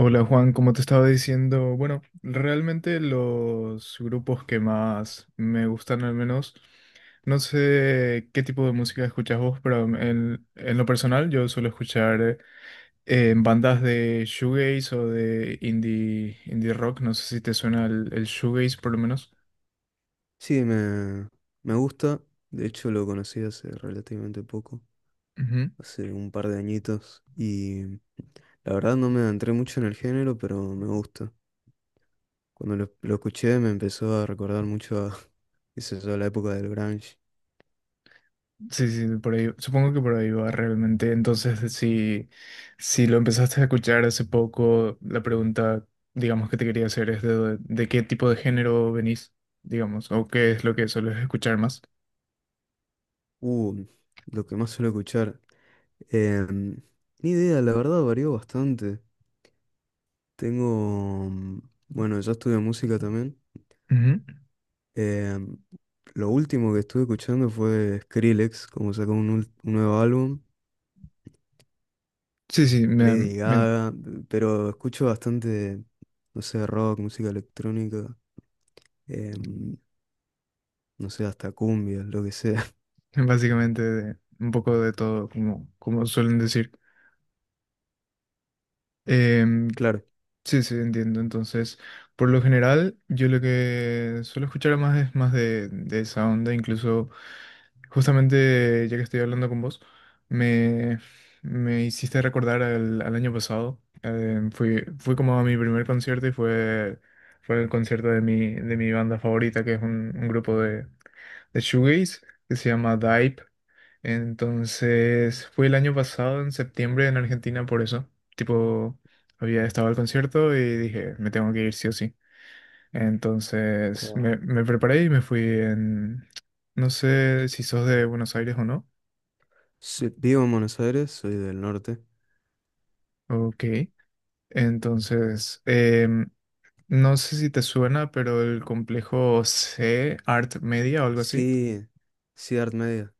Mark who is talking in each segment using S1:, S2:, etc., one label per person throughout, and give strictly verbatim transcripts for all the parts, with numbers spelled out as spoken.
S1: Hola Juan, como te estaba diciendo, bueno, realmente los grupos que más me gustan al menos, no sé qué tipo de música escuchas vos, pero en, en lo personal yo suelo escuchar eh, bandas de shoegaze o de indie, indie rock, no sé si te suena el, el shoegaze por lo menos.
S2: Sí, me, me gusta. De hecho, lo conocí hace relativamente poco, hace un par de añitos. Y la verdad no me adentré mucho en el género, pero me gusta. Cuando lo, lo escuché me empezó a recordar mucho a, qué sé yo, la época del grunge.
S1: Sí, sí, por ahí, supongo que por ahí va realmente. Entonces, si, si lo empezaste a escuchar hace poco, la pregunta, digamos, que te quería hacer es de, de qué tipo de género venís, digamos, o qué es lo que sueles escuchar más.
S2: Uh, lo que más suelo escuchar. Em, Ni idea, la verdad varió bastante. Tengo, mm, bueno, yo estudio música también.
S1: Ujú.
S2: Eh, lo último que estuve escuchando fue Skrillex, como sacó un, ul- un nuevo álbum,
S1: Sí, sí, me,
S2: Lady
S1: me-
S2: Gaga, pero escucho bastante, no sé, rock, música electrónica, em, no sé, hasta cumbia, lo que sea.
S1: básicamente de- un poco de todo, como, como suelen decir. Em,
S2: Claro.
S1: sí, sí, entiendo. Entonces, por lo general, yo lo que suelo escuchar más es más de, de esa onda. Incluso, justamente ya que estoy hablando con vos, me, me hiciste recordar al, al año pasado. Eh, fui, fui como a mi primer concierto y fue, fue el concierto de mi, de mi banda favorita, que es un, un grupo de, de shoegaze que se llama Dive. Entonces, fui el año pasado, en septiembre, en Argentina, por eso. Tipo, había estado al concierto y dije, me tengo que ir sí o sí. Entonces,
S2: Wow,
S1: me, me preparé y me fui en... No sé si sos de Buenos Aires o no.
S2: sí, vivo en Buenos Aires, soy del norte.
S1: Ok. Entonces, em, no sé si te suena, pero el complejo C, Art Media o algo así.
S2: Sí, sí, Art Media,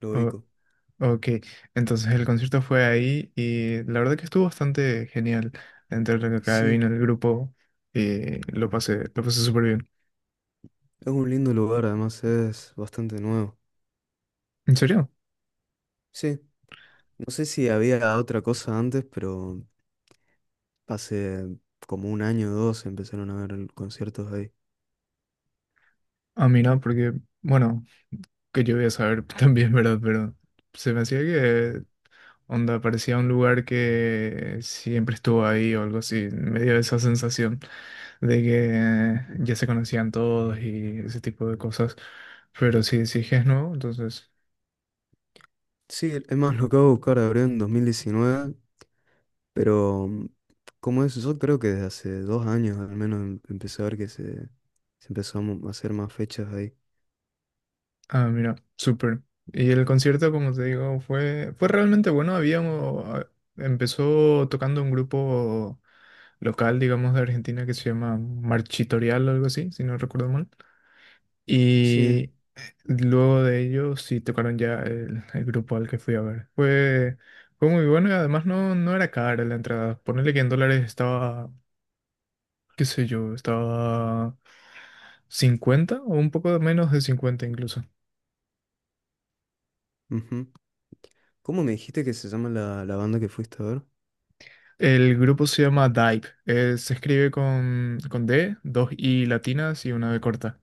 S2: lo ubico.
S1: Ok, entonces el concierto fue ahí y la verdad que estuvo bastante genial. Entre lo que acá
S2: Sí,
S1: vino el grupo y lo pasé, lo pasé súper bien.
S2: es un lindo lugar, además es bastante nuevo.
S1: ¿En serio?
S2: Sí, no sé si había otra cosa antes, pero hace como un año o dos empezaron a ver conciertos ahí.
S1: A mí no, porque, bueno, que yo voy a saber también, ¿verdad? Pero se me hacía que onda parecía un lugar que siempre estuvo ahí o algo así. Me dio esa sensación de que eh, ya se conocían todos y ese tipo de cosas. Pero si sí es que es nuevo, entonces.
S2: Sí, es más, lo acabo de buscar, abrió en dos mil diecinueve, pero mm, como es, yo creo que desde hace dos años al menos em- empecé a ver que se, se empezó a mo- a hacer más fechas ahí.
S1: Ah, mira, súper. Y el concierto, como te digo, fue, fue realmente bueno. Había, un- a- empezó tocando un grupo local, digamos, de Argentina que se llama Marchitorial o algo así, si no recuerdo mal.
S2: Sí,
S1: Y luego de ellos sí tocaron ya el, el grupo al que fui a ver. Fue, fue muy bueno y además no, no era cara la entrada. Ponerle que en dólares estaba, qué sé yo, estaba cincuenta o un poco menos de cincuenta incluso.
S2: ujú. ¿Cómo me dijiste que se llama la, la banda que fuiste a ver?
S1: El grupo se llama Dive. Eh, se escribe con, con D, dos I latinas y una B corta.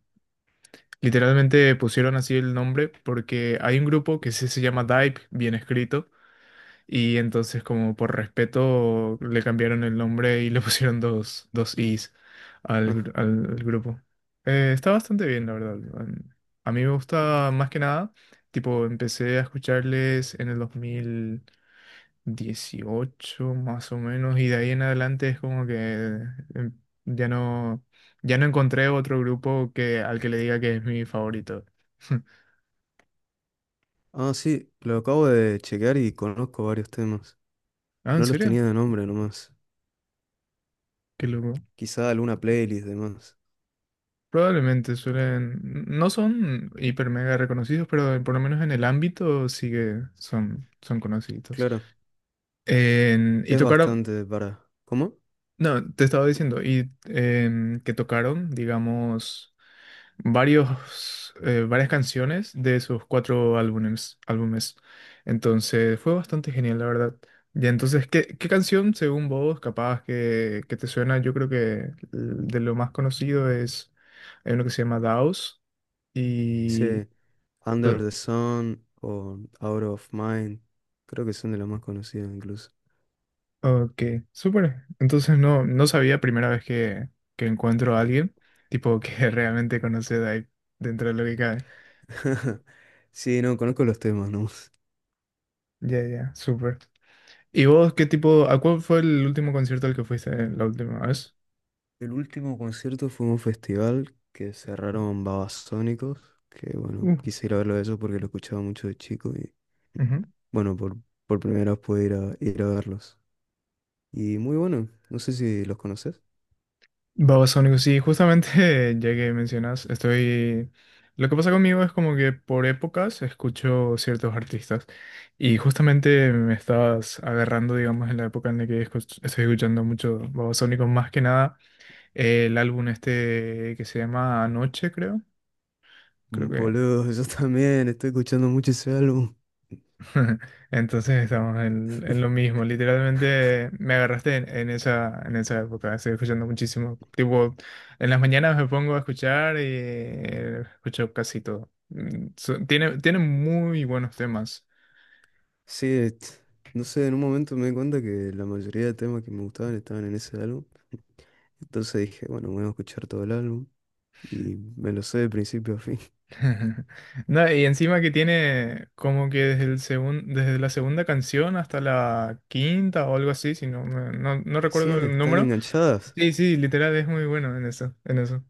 S1: Literalmente pusieron así el nombre porque hay un grupo que sí se llama Dive, bien escrito, y entonces como por respeto le cambiaron el nombre y le pusieron dos, dos Is al, gru- al- al grupo. Eh, está bastante bien, la verdad. Em, a mí me gusta más que nada, tipo, empecé a escucharles en el dos mil dieciocho más o menos, y de ahí en adelante es como que em, ya no, ya no encontré otro grupo que, al que le diga que es mi favorito.
S2: Ah, sí, lo acabo de chequear y conozco varios temas.
S1: Ah, ¿en
S2: No los
S1: serio?
S2: tenía de nombre nomás.
S1: Qué loco.
S2: Quizá alguna playlist de más.
S1: Probablemente suelen, no son hiper mega reconocidos, pero por lo menos en el ámbito sí que son, son conocidos.
S2: Claro,
S1: En- y
S2: es
S1: tocaron,
S2: bastante para... ¿Cómo?
S1: no, te estaba diciendo, y em, que tocaron, digamos, varios, eh, varias canciones de sus cuatro álbumes, álbumes. Entonces fue bastante genial, la verdad. Ya, entonces, ¿qué, ¿qué canción, según vos, capaz que, que te suena? Yo creo que l- de lo más conocido es, hay uno que se llama Daos y...
S2: Sí. Under
S1: eh,
S2: the Sun o Out of Mind. Creo que son de las más conocidas incluso.
S1: ok, súper. Entonces no, no sabía primera vez que, que encuentro a alguien, tipo que realmente conoce de ahí, dentro de lo que cabe.
S2: Sí, no, conozco los temas, ¿no?
S1: Ya, ya, súper. ¿Y vos qué tipo, a cuál fue el último concierto al que fuiste eh, la última vez?
S2: El último concierto fue un festival que cerraron Babasónicos, que bueno,
S1: Mm.
S2: quise ir a verlo de ellos porque lo escuchaba mucho de chico y
S1: Ujú.
S2: bueno, por, por primera vez pude ir a, ir a verlos. Y muy bueno, no sé si los conoces.
S1: Babasónicos, sí, justamente ya que mencionas, estoy... Lo que pasa conmigo es como que por épocas escucho ciertos artistas y justamente me estabas agarrando, digamos, en la época en la que escuch- estoy escuchando mucho Babasónicos, más que nada eh, el álbum este que se llama Anoche, creo, creo
S2: Mm,
S1: que
S2: boludo, yo también estoy escuchando mucho ese álbum.
S1: entonces estamos en, en lo mismo. Literalmente me agarraste en, en esa, en esa época. Estoy escuchando muchísimo. Tipo, en las mañanas me pongo a escuchar y eh, escucho casi todo. Mm, so- tiene, tiene muy buenos temas.
S2: Sí, et- no sé, en un momento me di cuenta que la mayoría de temas que me gustaban estaban en ese álbum. Entonces dije, bueno, voy a escuchar todo el álbum y me lo sé de principio a fin.
S1: No, y encima que tiene como que desde el segun- desde la segunda canción hasta la quinta o algo así, si no, me- no, no
S2: Sí,
S1: recuerdo el
S2: están
S1: número.
S2: enganchadas.
S1: Sí, sí, literal es muy bueno en eso, en eso.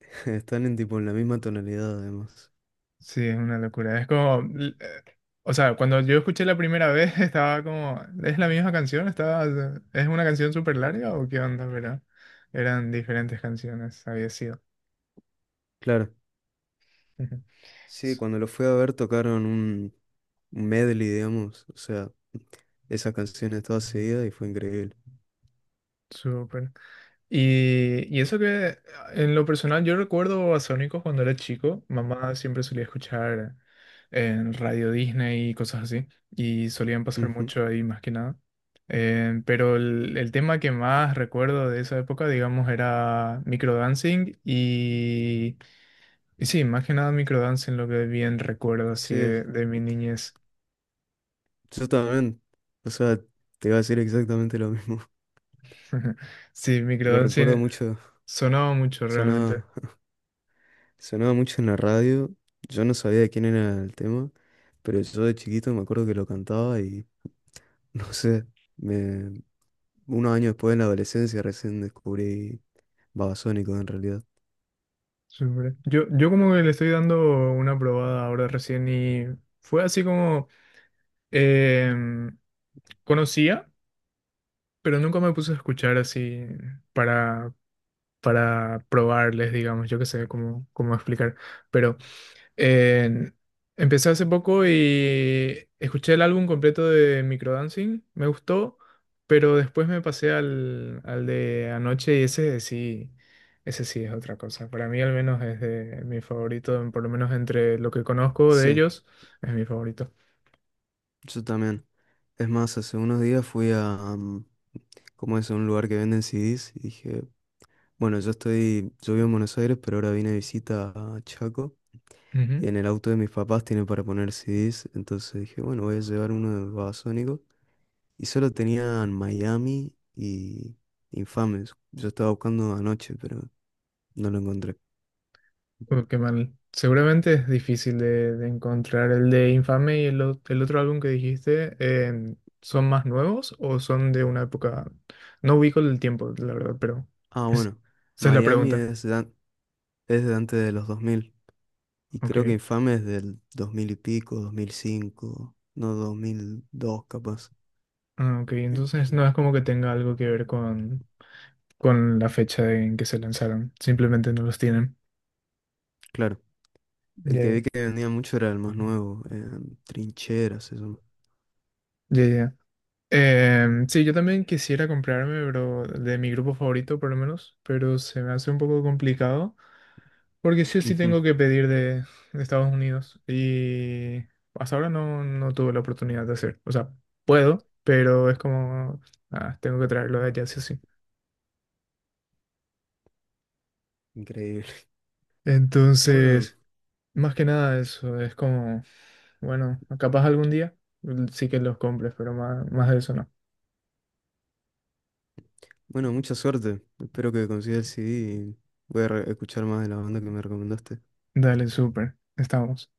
S2: Están en tipo en la misma tonalidad además.
S1: Sí, es una locura. Es como, l- eh, o sea, cuando yo escuché la primera vez estaba como, ¿es la misma canción? Estaba, ¿es una canción súper larga o qué onda? Pero eran diferentes canciones, había sido.
S2: Claro, sí, cuando lo fui a ver tocaron un un medley, digamos. O sea, esas canciones todas seguidas y fue increíble.
S1: Súper. Y, y eso que en lo personal yo recuerdo a Sónicos cuando era chico, mamá siempre solía escuchar en Radio Disney y cosas así, y solían pasar
S2: Ujú.
S1: mucho ahí más que nada. Eh, pero el, el tema que más recuerdo de esa época, digamos, era microdancing y, y sí, más que nada microdancing lo que bien recuerdo así
S2: Sí,
S1: de, de mi niñez.
S2: yo también. O sea, te iba a decir exactamente lo mismo.
S1: Sí,
S2: Lo recuerdo
S1: microdancing
S2: mucho.
S1: sonaba mucho realmente.
S2: Sonaba. Sonaba mucho en la radio, yo no sabía de quién era el tema, pero yo de chiquito me acuerdo que lo cantaba y no sé, me, unos años después en la adolescencia recién descubrí Babasónicos en realidad.
S1: Súper. Yo, yo como que le estoy dando una probada ahora recién y fue así como em, conocía, pero nunca me puse a escuchar así para, para probarles, digamos, yo qué sé cómo, cómo explicar. Pero en- empecé hace poco y escuché el álbum completo de Microdancing, me gustó, pero después me pasé al, al de anoche y ese sí, ese sí es otra cosa. Para mí al menos es de- mi favorito, por lo menos entre lo que conozco de
S2: Sí,
S1: ellos, es mi favorito.
S2: yo también. Es más, hace unos días fui a, mm, ¿cómo es? A un lugar que venden C Des y dije, bueno, yo estoy, yo vivo en Buenos Aires, pero ahora vine de visita a Chaco y en el auto de mis papás tiene para poner C Des, entonces dije, bueno, voy a llevar uno de Babasónicos. Y solo tenían Miami y Infames. Yo estaba buscando anoche, pero no lo encontré.
S1: Uh, qué mal. Seguramente es difícil de, de encontrar. ¿El de Infame y el, o- el otro álbum que dijiste, eh, son más nuevos o son de una época? No ubico el tiempo, la verdad, pero
S2: Ah,
S1: es-
S2: bueno.
S1: esa es la
S2: Miami
S1: pregunta.
S2: es, dan- es de antes de los dos mil. Y
S1: Ok.
S2: creo que Infames es del dos mil y pico, dos mil cinco, no dos mil dos capaz.
S1: Ah, ok, entonces no es como que tenga algo que ver con, con la fecha en que se lanzaron. Simplemente no los tienen.
S2: Claro. El
S1: Ya,
S2: que vi
S1: ya.
S2: que vendía mucho era el más nuevo. eh, Trincheras, eso.
S1: Ya, ya. Em, sí, yo también quisiera comprarme, pero de mi grupo favorito por lo menos, pero se me hace un poco complicado porque sí o sí
S2: Ujú,
S1: tengo que pedir de, de Estados Unidos y hasta ahora no, no tuve la oportunidad de hacer. O sea, puedo, pero es como, ah, tengo que traerlo de allá sí o sí.
S2: increíble. Bueno,
S1: Entonces, más que nada eso, es como, bueno, capaz algún día mm, sí que los compres, pero más, más de eso no.
S2: bueno, mucha suerte. Espero que consigas el C D y voy a re- escuchar más de la banda que me recomendaste.
S1: Dale, súper, estamos.